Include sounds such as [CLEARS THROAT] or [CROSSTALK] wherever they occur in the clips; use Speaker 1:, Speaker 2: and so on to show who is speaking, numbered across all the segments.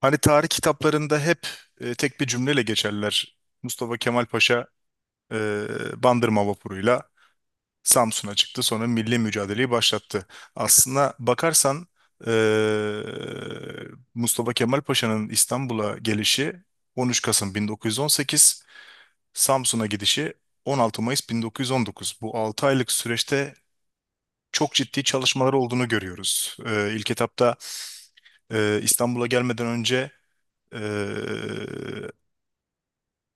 Speaker 1: Hani tarih kitaplarında hep tek bir cümleyle geçerler. Mustafa Kemal Paşa e, Bandırma vapuruyla Samsun'a çıktı, sonra milli mücadeleyi başlattı. Aslına bakarsan e, Mustafa Kemal Paşa'nın İstanbul'a gelişi 13 Kasım 1918, Samsun'a gidişi 16 Mayıs 1919. Bu 6 aylık süreçte çok ciddi çalışmalar olduğunu görüyoruz. İlk etapta İstanbul'a gelmeden önce e,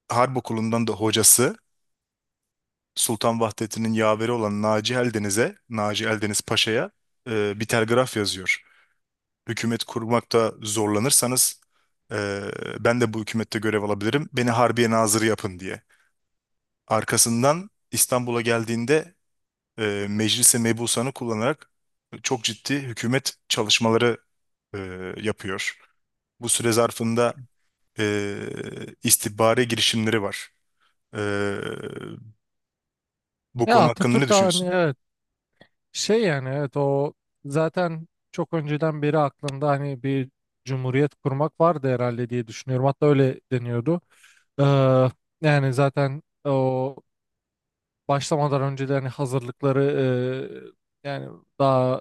Speaker 1: Harp Okulu'ndan da hocası Sultan Vahdettin'in yaveri olan Naci Eldeniz'e, Naci Eldeniz Paşa'ya bir telgraf yazıyor. Hükümet kurmakta zorlanırsanız e, ben de bu hükümette görev alabilirim. Beni Harbiye Nazırı yapın diye. Arkasından İstanbul'a geldiğinde Meclis-i Mebusan'ı kullanarak çok ciddi hükümet çalışmaları e, yapıyor. Bu süre zarfında istihbari girişimleri var. E, bu
Speaker 2: Ya
Speaker 1: konu hakkında ne
Speaker 2: Atatürk, hani,
Speaker 1: düşünüyorsun?
Speaker 2: evet, evet, o zaten çok önceden beri aklında, hani, bir cumhuriyet kurmak vardı herhalde diye düşünüyorum. Hatta öyle deniyordu. Ee, yani zaten o başlamadan önce de hani hazırlıkları yani daha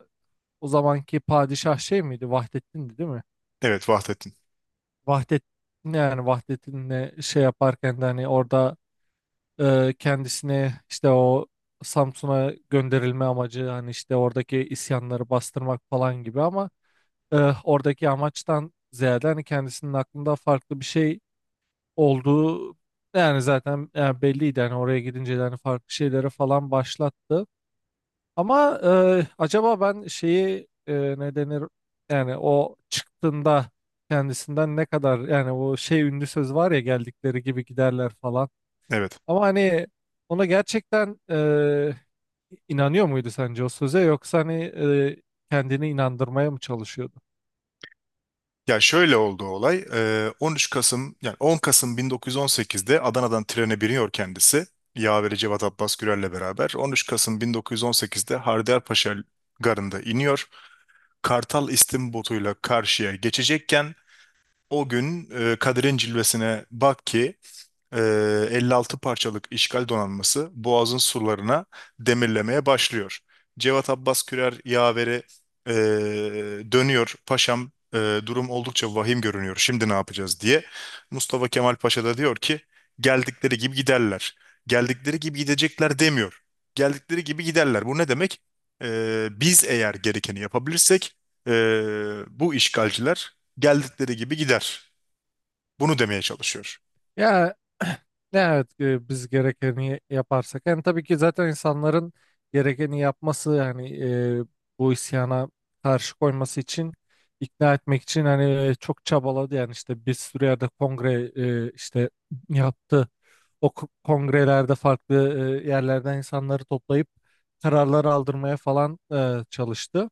Speaker 2: o zamanki padişah şey miydi? Vahdettin'di değil mi?
Speaker 1: Evet, Vahdettin.
Speaker 2: Vahdet Yani Vahdettin'le şey yaparken de hani orada, kendisini, işte, o Samsun'a gönderilme amacı hani işte oradaki isyanları bastırmak falan gibi ama e, oradaki amaçtan ziyade hani kendisinin aklında farklı bir şey olduğu yani, zaten yani, belliydi hani, oraya gidince de hani farklı şeyleri falan başlattı. Ama acaba ben şeyi, ne denir yani, o çıktığında kendisinden ne kadar yani, o şey ünlü söz var ya, geldikleri gibi giderler falan.
Speaker 1: Evet.
Speaker 2: Ama hani ona gerçekten inanıyor muydu sence o söze, yoksa hani kendini inandırmaya mı çalışıyordu?
Speaker 1: Ya şöyle oldu olay. 13 Kasım yani 10 Kasım 1918'de Adana'dan trene biniyor kendisi. Yaveri Cevat Abbas Gürel'le beraber. 13 Kasım 1918'de Haydarpaşa garında iniyor. Kartal istim botuyla karşıya geçecekken o gün Kadir'in cilvesine bak ki 56 parçalık işgal donanması Boğaz'ın surlarına demirlemeye başlıyor. Cevat Abbas Kürer yaveri e, dönüyor. Paşam, durum oldukça vahim görünüyor. Şimdi ne yapacağız diye. Mustafa Kemal Paşa da diyor ki geldikleri gibi giderler. Geldikleri gibi gidecekler demiyor. Geldikleri gibi giderler. Bu ne demek? Biz eğer gerekeni yapabilirsek e, bu işgalciler geldikleri gibi gider. Bunu demeye çalışıyor.
Speaker 2: Ya [CLEARS THROAT] evet, biz gerekeni yaparsak yani, tabii ki, zaten insanların gerekeni yapması yani, bu isyana karşı koyması için, ikna etmek için hani çok çabaladı yani, işte bir sürü yerde kongre, işte, yaptı. Kongrelerde farklı yerlerden insanları toplayıp kararlar aldırmaya falan çalıştı.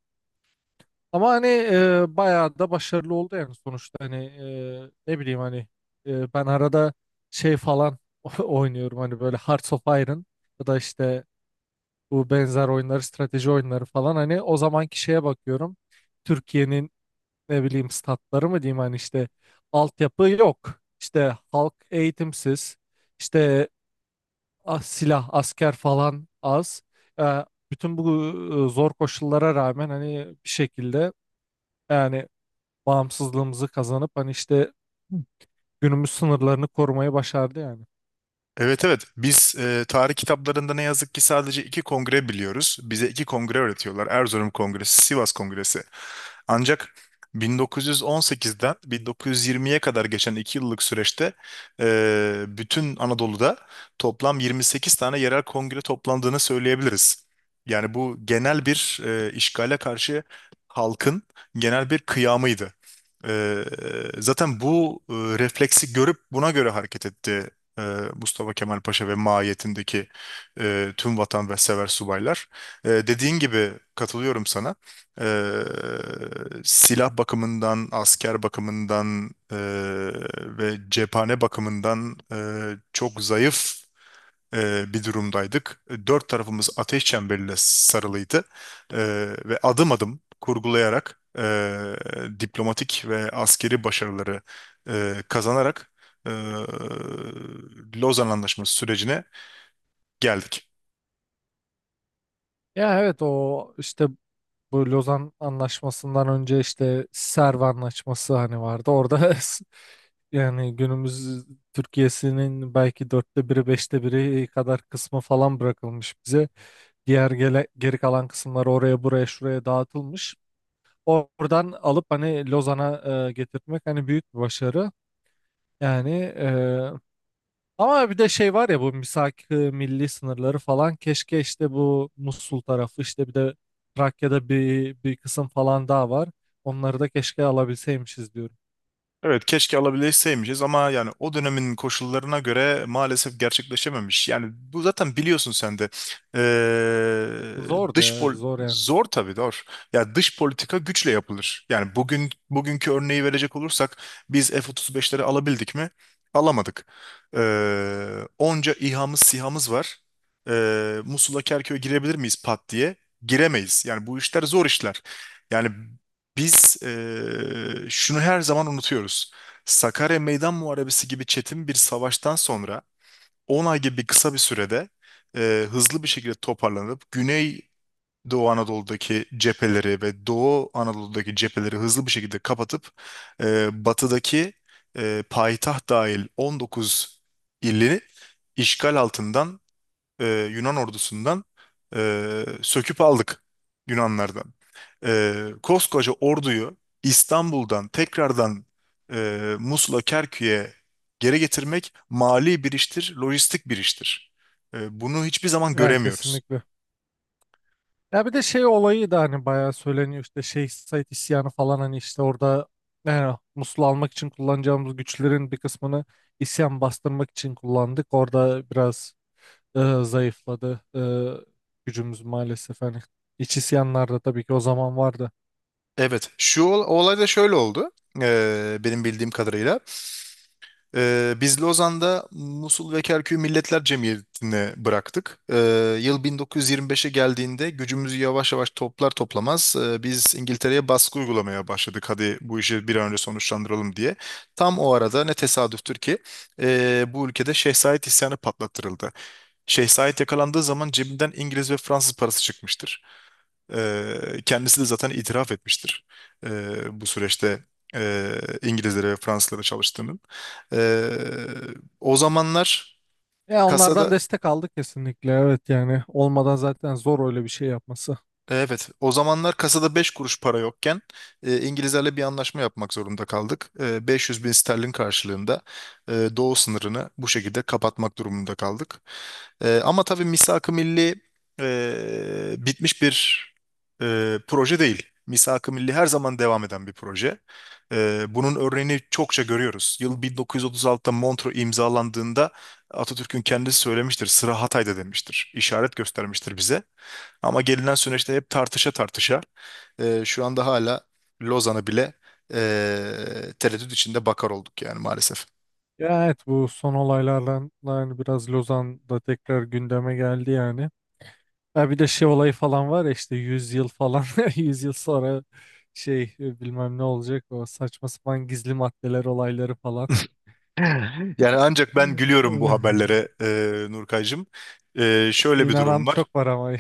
Speaker 2: Ama hani bayağı da başarılı oldu yani, sonuçta hani, ne bileyim hani, ben arada şey falan [LAUGHS] oynuyorum hani, böyle Hearts of Iron ya da işte bu benzer oyunları, strateji oyunları falan, hani o zamanki şeye bakıyorum, Türkiye'nin ne bileyim statları mı diyeyim, hani işte altyapı yok, işte halk eğitimsiz, işte silah asker falan az. E, Bütün bu zor koşullara rağmen hani bir şekilde yani bağımsızlığımızı kazanıp hani işte günümüz sınırlarını korumayı başardı yani.
Speaker 1: Evet, evet, biz tarih kitaplarında ne yazık ki sadece iki kongre biliyoruz. Bize iki kongre öğretiyorlar. Erzurum Kongresi, Sivas Kongresi. Ancak 1918'den 1920'ye kadar geçen iki yıllık süreçte bütün Anadolu'da toplam 28 tane yerel kongre toplandığını söyleyebiliriz. Yani bu genel bir, işgale karşı halkın genel bir kıyamıydı. E, zaten bu refleksi görüp buna göre hareket etti e, Mustafa Kemal Paşa ve maiyetindeki tüm vatansever subaylar. Dediğin gibi katılıyorum sana. E, silah bakımından, asker bakımından, ve cephane bakımından çok zayıf bir durumdaydık. Dört tarafımız ateş çemberiyle sarılıydı E, ve adım adım kurgulayarak diplomatik ve askeri başarıları kazanarak e, Lozan Anlaşması sürecine geldik.
Speaker 2: Ya evet, o işte bu Lozan Anlaşması'ndan önce işte Serv Anlaşması hani vardı. Orada [LAUGHS] yani günümüz Türkiye'sinin belki dörtte biri, beşte biri kadar kısmı falan bırakılmış bize. Geri kalan kısımlar oraya buraya şuraya dağıtılmış. Oradan alıp hani Lozan'a getirtmek hani büyük bir başarı. Yani, ama bir de şey var ya, bu misak milli sınırları falan, keşke işte bu Musul tarafı, işte bir de Trakya'da bir kısım falan daha var. Onları da keşke alabilseymişiz diyorum.
Speaker 1: Evet, keşke alabilseymişiz ama yani o dönemin koşullarına göre maalesef gerçekleşememiş. Yani bu zaten biliyorsun sen de.
Speaker 2: Zordu
Speaker 1: Dış
Speaker 2: ya,
Speaker 1: pol
Speaker 2: zor yani.
Speaker 1: zor tabii zor. Ya dış politika güçle yapılır. Yani bugün bugünkü örneği verecek olursak biz F-35'leri alabildik mi? Alamadık. Onca İHA'mız SİHA'mız var. Musul'a Kerkük'e girebilir miyiz pat diye? Giremeyiz. Yani bu işler zor işler. Yani biz şunu her zaman unutuyoruz. Sakarya Meydan Muharebesi gibi çetin bir savaştan sonra 10 ay gibi kısa bir sürede hızlı bir şekilde toparlanıp Güney Doğu Anadolu'daki cepheleri ve Doğu Anadolu'daki cepheleri hızlı bir şekilde kapatıp batıdaki payitaht dahil 19 ili işgal altından Yunan ordusundan söküp aldık Yunanlardan. Koskoca orduyu İstanbul'dan tekrardan Musul'a, Kerkük'e geri getirmek mali bir iştir, lojistik bir iştir. Bunu hiçbir zaman
Speaker 2: Ya
Speaker 1: göremiyoruz.
Speaker 2: kesinlikle. Ya bir de şey olayı da hani bayağı söyleniyor, işte Şeyh Said isyanı falan, hani işte orada yani Musul'u almak için kullanacağımız güçlerin bir kısmını isyan bastırmak için kullandık. Orada biraz zayıfladı. Gücümüz maalesef, hani, iç isyanlarda tabii ki o zaman vardı.
Speaker 1: Evet, şu olay da şöyle oldu. Benim bildiğim kadarıyla. Biz Lozan'da Musul ve Kerkük'ü Milletler Cemiyeti'ne bıraktık. Yıl 1925'e geldiğinde gücümüzü yavaş yavaş toplar toplamaz biz İngiltere'ye baskı uygulamaya başladık. Hadi bu işi bir an önce sonuçlandıralım diye. Tam o arada ne tesadüftür ki bu ülkede Şeh Said isyanı patlattırıldı. Şeh Said yakalandığı zaman cebinden İngiliz ve Fransız parası çıkmıştır. Kendisi de zaten itiraf etmiştir, bu süreçte İngilizlere ve Fransızlara çalıştığının. O zamanlar
Speaker 2: Ya onlardan
Speaker 1: kasada
Speaker 2: destek aldık kesinlikle. Evet, yani olmadan zaten zor öyle bir şey yapması.
Speaker 1: Evet, o zamanlar kasada 5 kuruş para yokken İngilizlerle bir anlaşma yapmak zorunda kaldık. 500 bin sterlin karşılığında doğu sınırını bu şekilde kapatmak durumunda kaldık. Ama tabii Misak-ı Milli bitmiş bir proje değil. Misak-ı Milli her zaman devam eden bir proje. Bunun örneğini çokça görüyoruz. Yıl 1936'da Montreux imzalandığında Atatürk'ün kendisi söylemiştir, sıra Hatay'da demiştir, işaret göstermiştir bize. Ama gelinen süreçte hep tartışa tartışa şu anda hala Lozan'ı bile tereddüt içinde bakar olduk yani maalesef.
Speaker 2: Ya evet, bu son olaylardan yani biraz Lozan'da tekrar gündeme geldi yani. Ha bir de şey olayı falan var ya, işte 100 yıl falan [LAUGHS] 100 yıl sonra şey bilmem ne olacak, o saçma sapan gizli maddeler olayları falan.
Speaker 1: [LAUGHS] Yani ancak ben gülüyorum bu
Speaker 2: [LAUGHS]
Speaker 1: haberlere, Nurkaycığım. Şöyle bir
Speaker 2: İnanan
Speaker 1: durum var.
Speaker 2: çok var ama.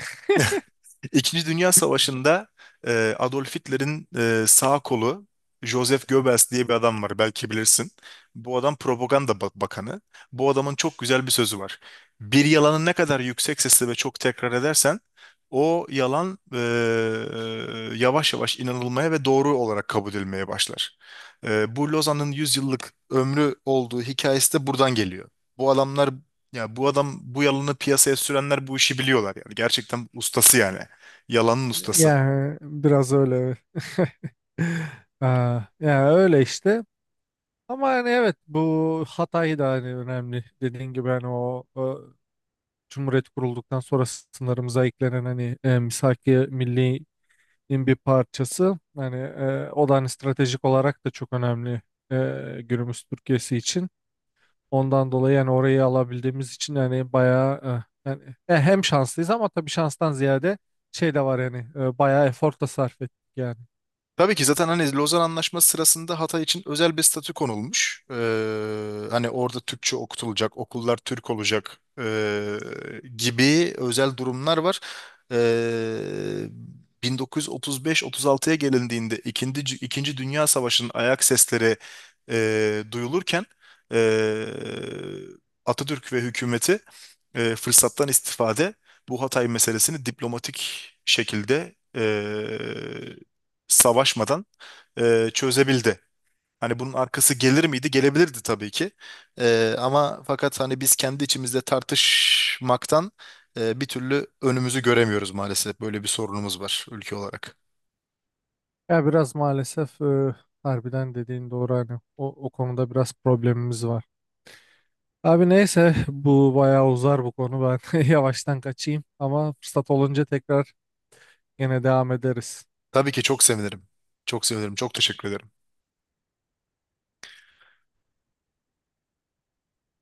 Speaker 1: İkinci Dünya Savaşı'nda Adolf Hitler'in sağ kolu Joseph Goebbels diye bir adam var, belki bilirsin. Bu adam propaganda bakanı. Bu adamın çok güzel bir sözü var. Bir yalanı ne kadar yüksek sesle ve çok tekrar edersen o yalan yavaş yavaş inanılmaya ve doğru olarak kabul edilmeye başlar. Bu Lozan'ın 100 yıllık ömrü olduğu hikayesi de buradan geliyor. Bu adamlar bu adam, bu yalanı piyasaya sürenler, bu işi biliyorlar yani. Gerçekten ustası yani. Yalanın ustası.
Speaker 2: Yani biraz öyle. [LAUGHS] Ya yani öyle işte. Ama hani evet, bu Hatay da hani önemli. Dediğin gibi hani o Cumhuriyet kurulduktan sonra sınırımıza eklenen, hani Misaki Milli'nin bir parçası. Hani o da hani stratejik olarak da çok önemli günümüz Türkiye'si için. Ondan dolayı yani orayı alabildiğimiz için yani bayağı, yani, hem şanslıyız, ama tabii şanstan ziyade şey de var yani, bayağı efor da sarf ettik yani.
Speaker 1: Tabii ki zaten hani Lozan Anlaşması sırasında Hatay için özel bir statü konulmuş. Hani orada Türkçe okutulacak, okullar Türk olacak gibi özel durumlar var. Ee, 1935-36'ya gelindiğinde İkinci Dünya Savaşı'nın ayak sesleri duyulurken ee, Atatürk ve hükümeti fırsattan istifade bu Hatay meselesini diplomatik şekilde savaşmadan çözebildi. Hani bunun arkası gelir miydi? Gelebilirdi tabii ki. Ama fakat hani biz kendi içimizde tartışmaktan bir türlü önümüzü göremiyoruz maalesef. Böyle bir sorunumuz var ülke olarak.
Speaker 2: Ya biraz maalesef harbiden dediğin doğru, hani o konuda biraz problemimiz var. Abi neyse, bu bayağı uzar bu konu, ben [LAUGHS] yavaştan kaçayım ama fırsat olunca tekrar yine devam ederiz.
Speaker 1: Tabii ki çok sevinirim. Çok sevinirim. Çok teşekkür ederim.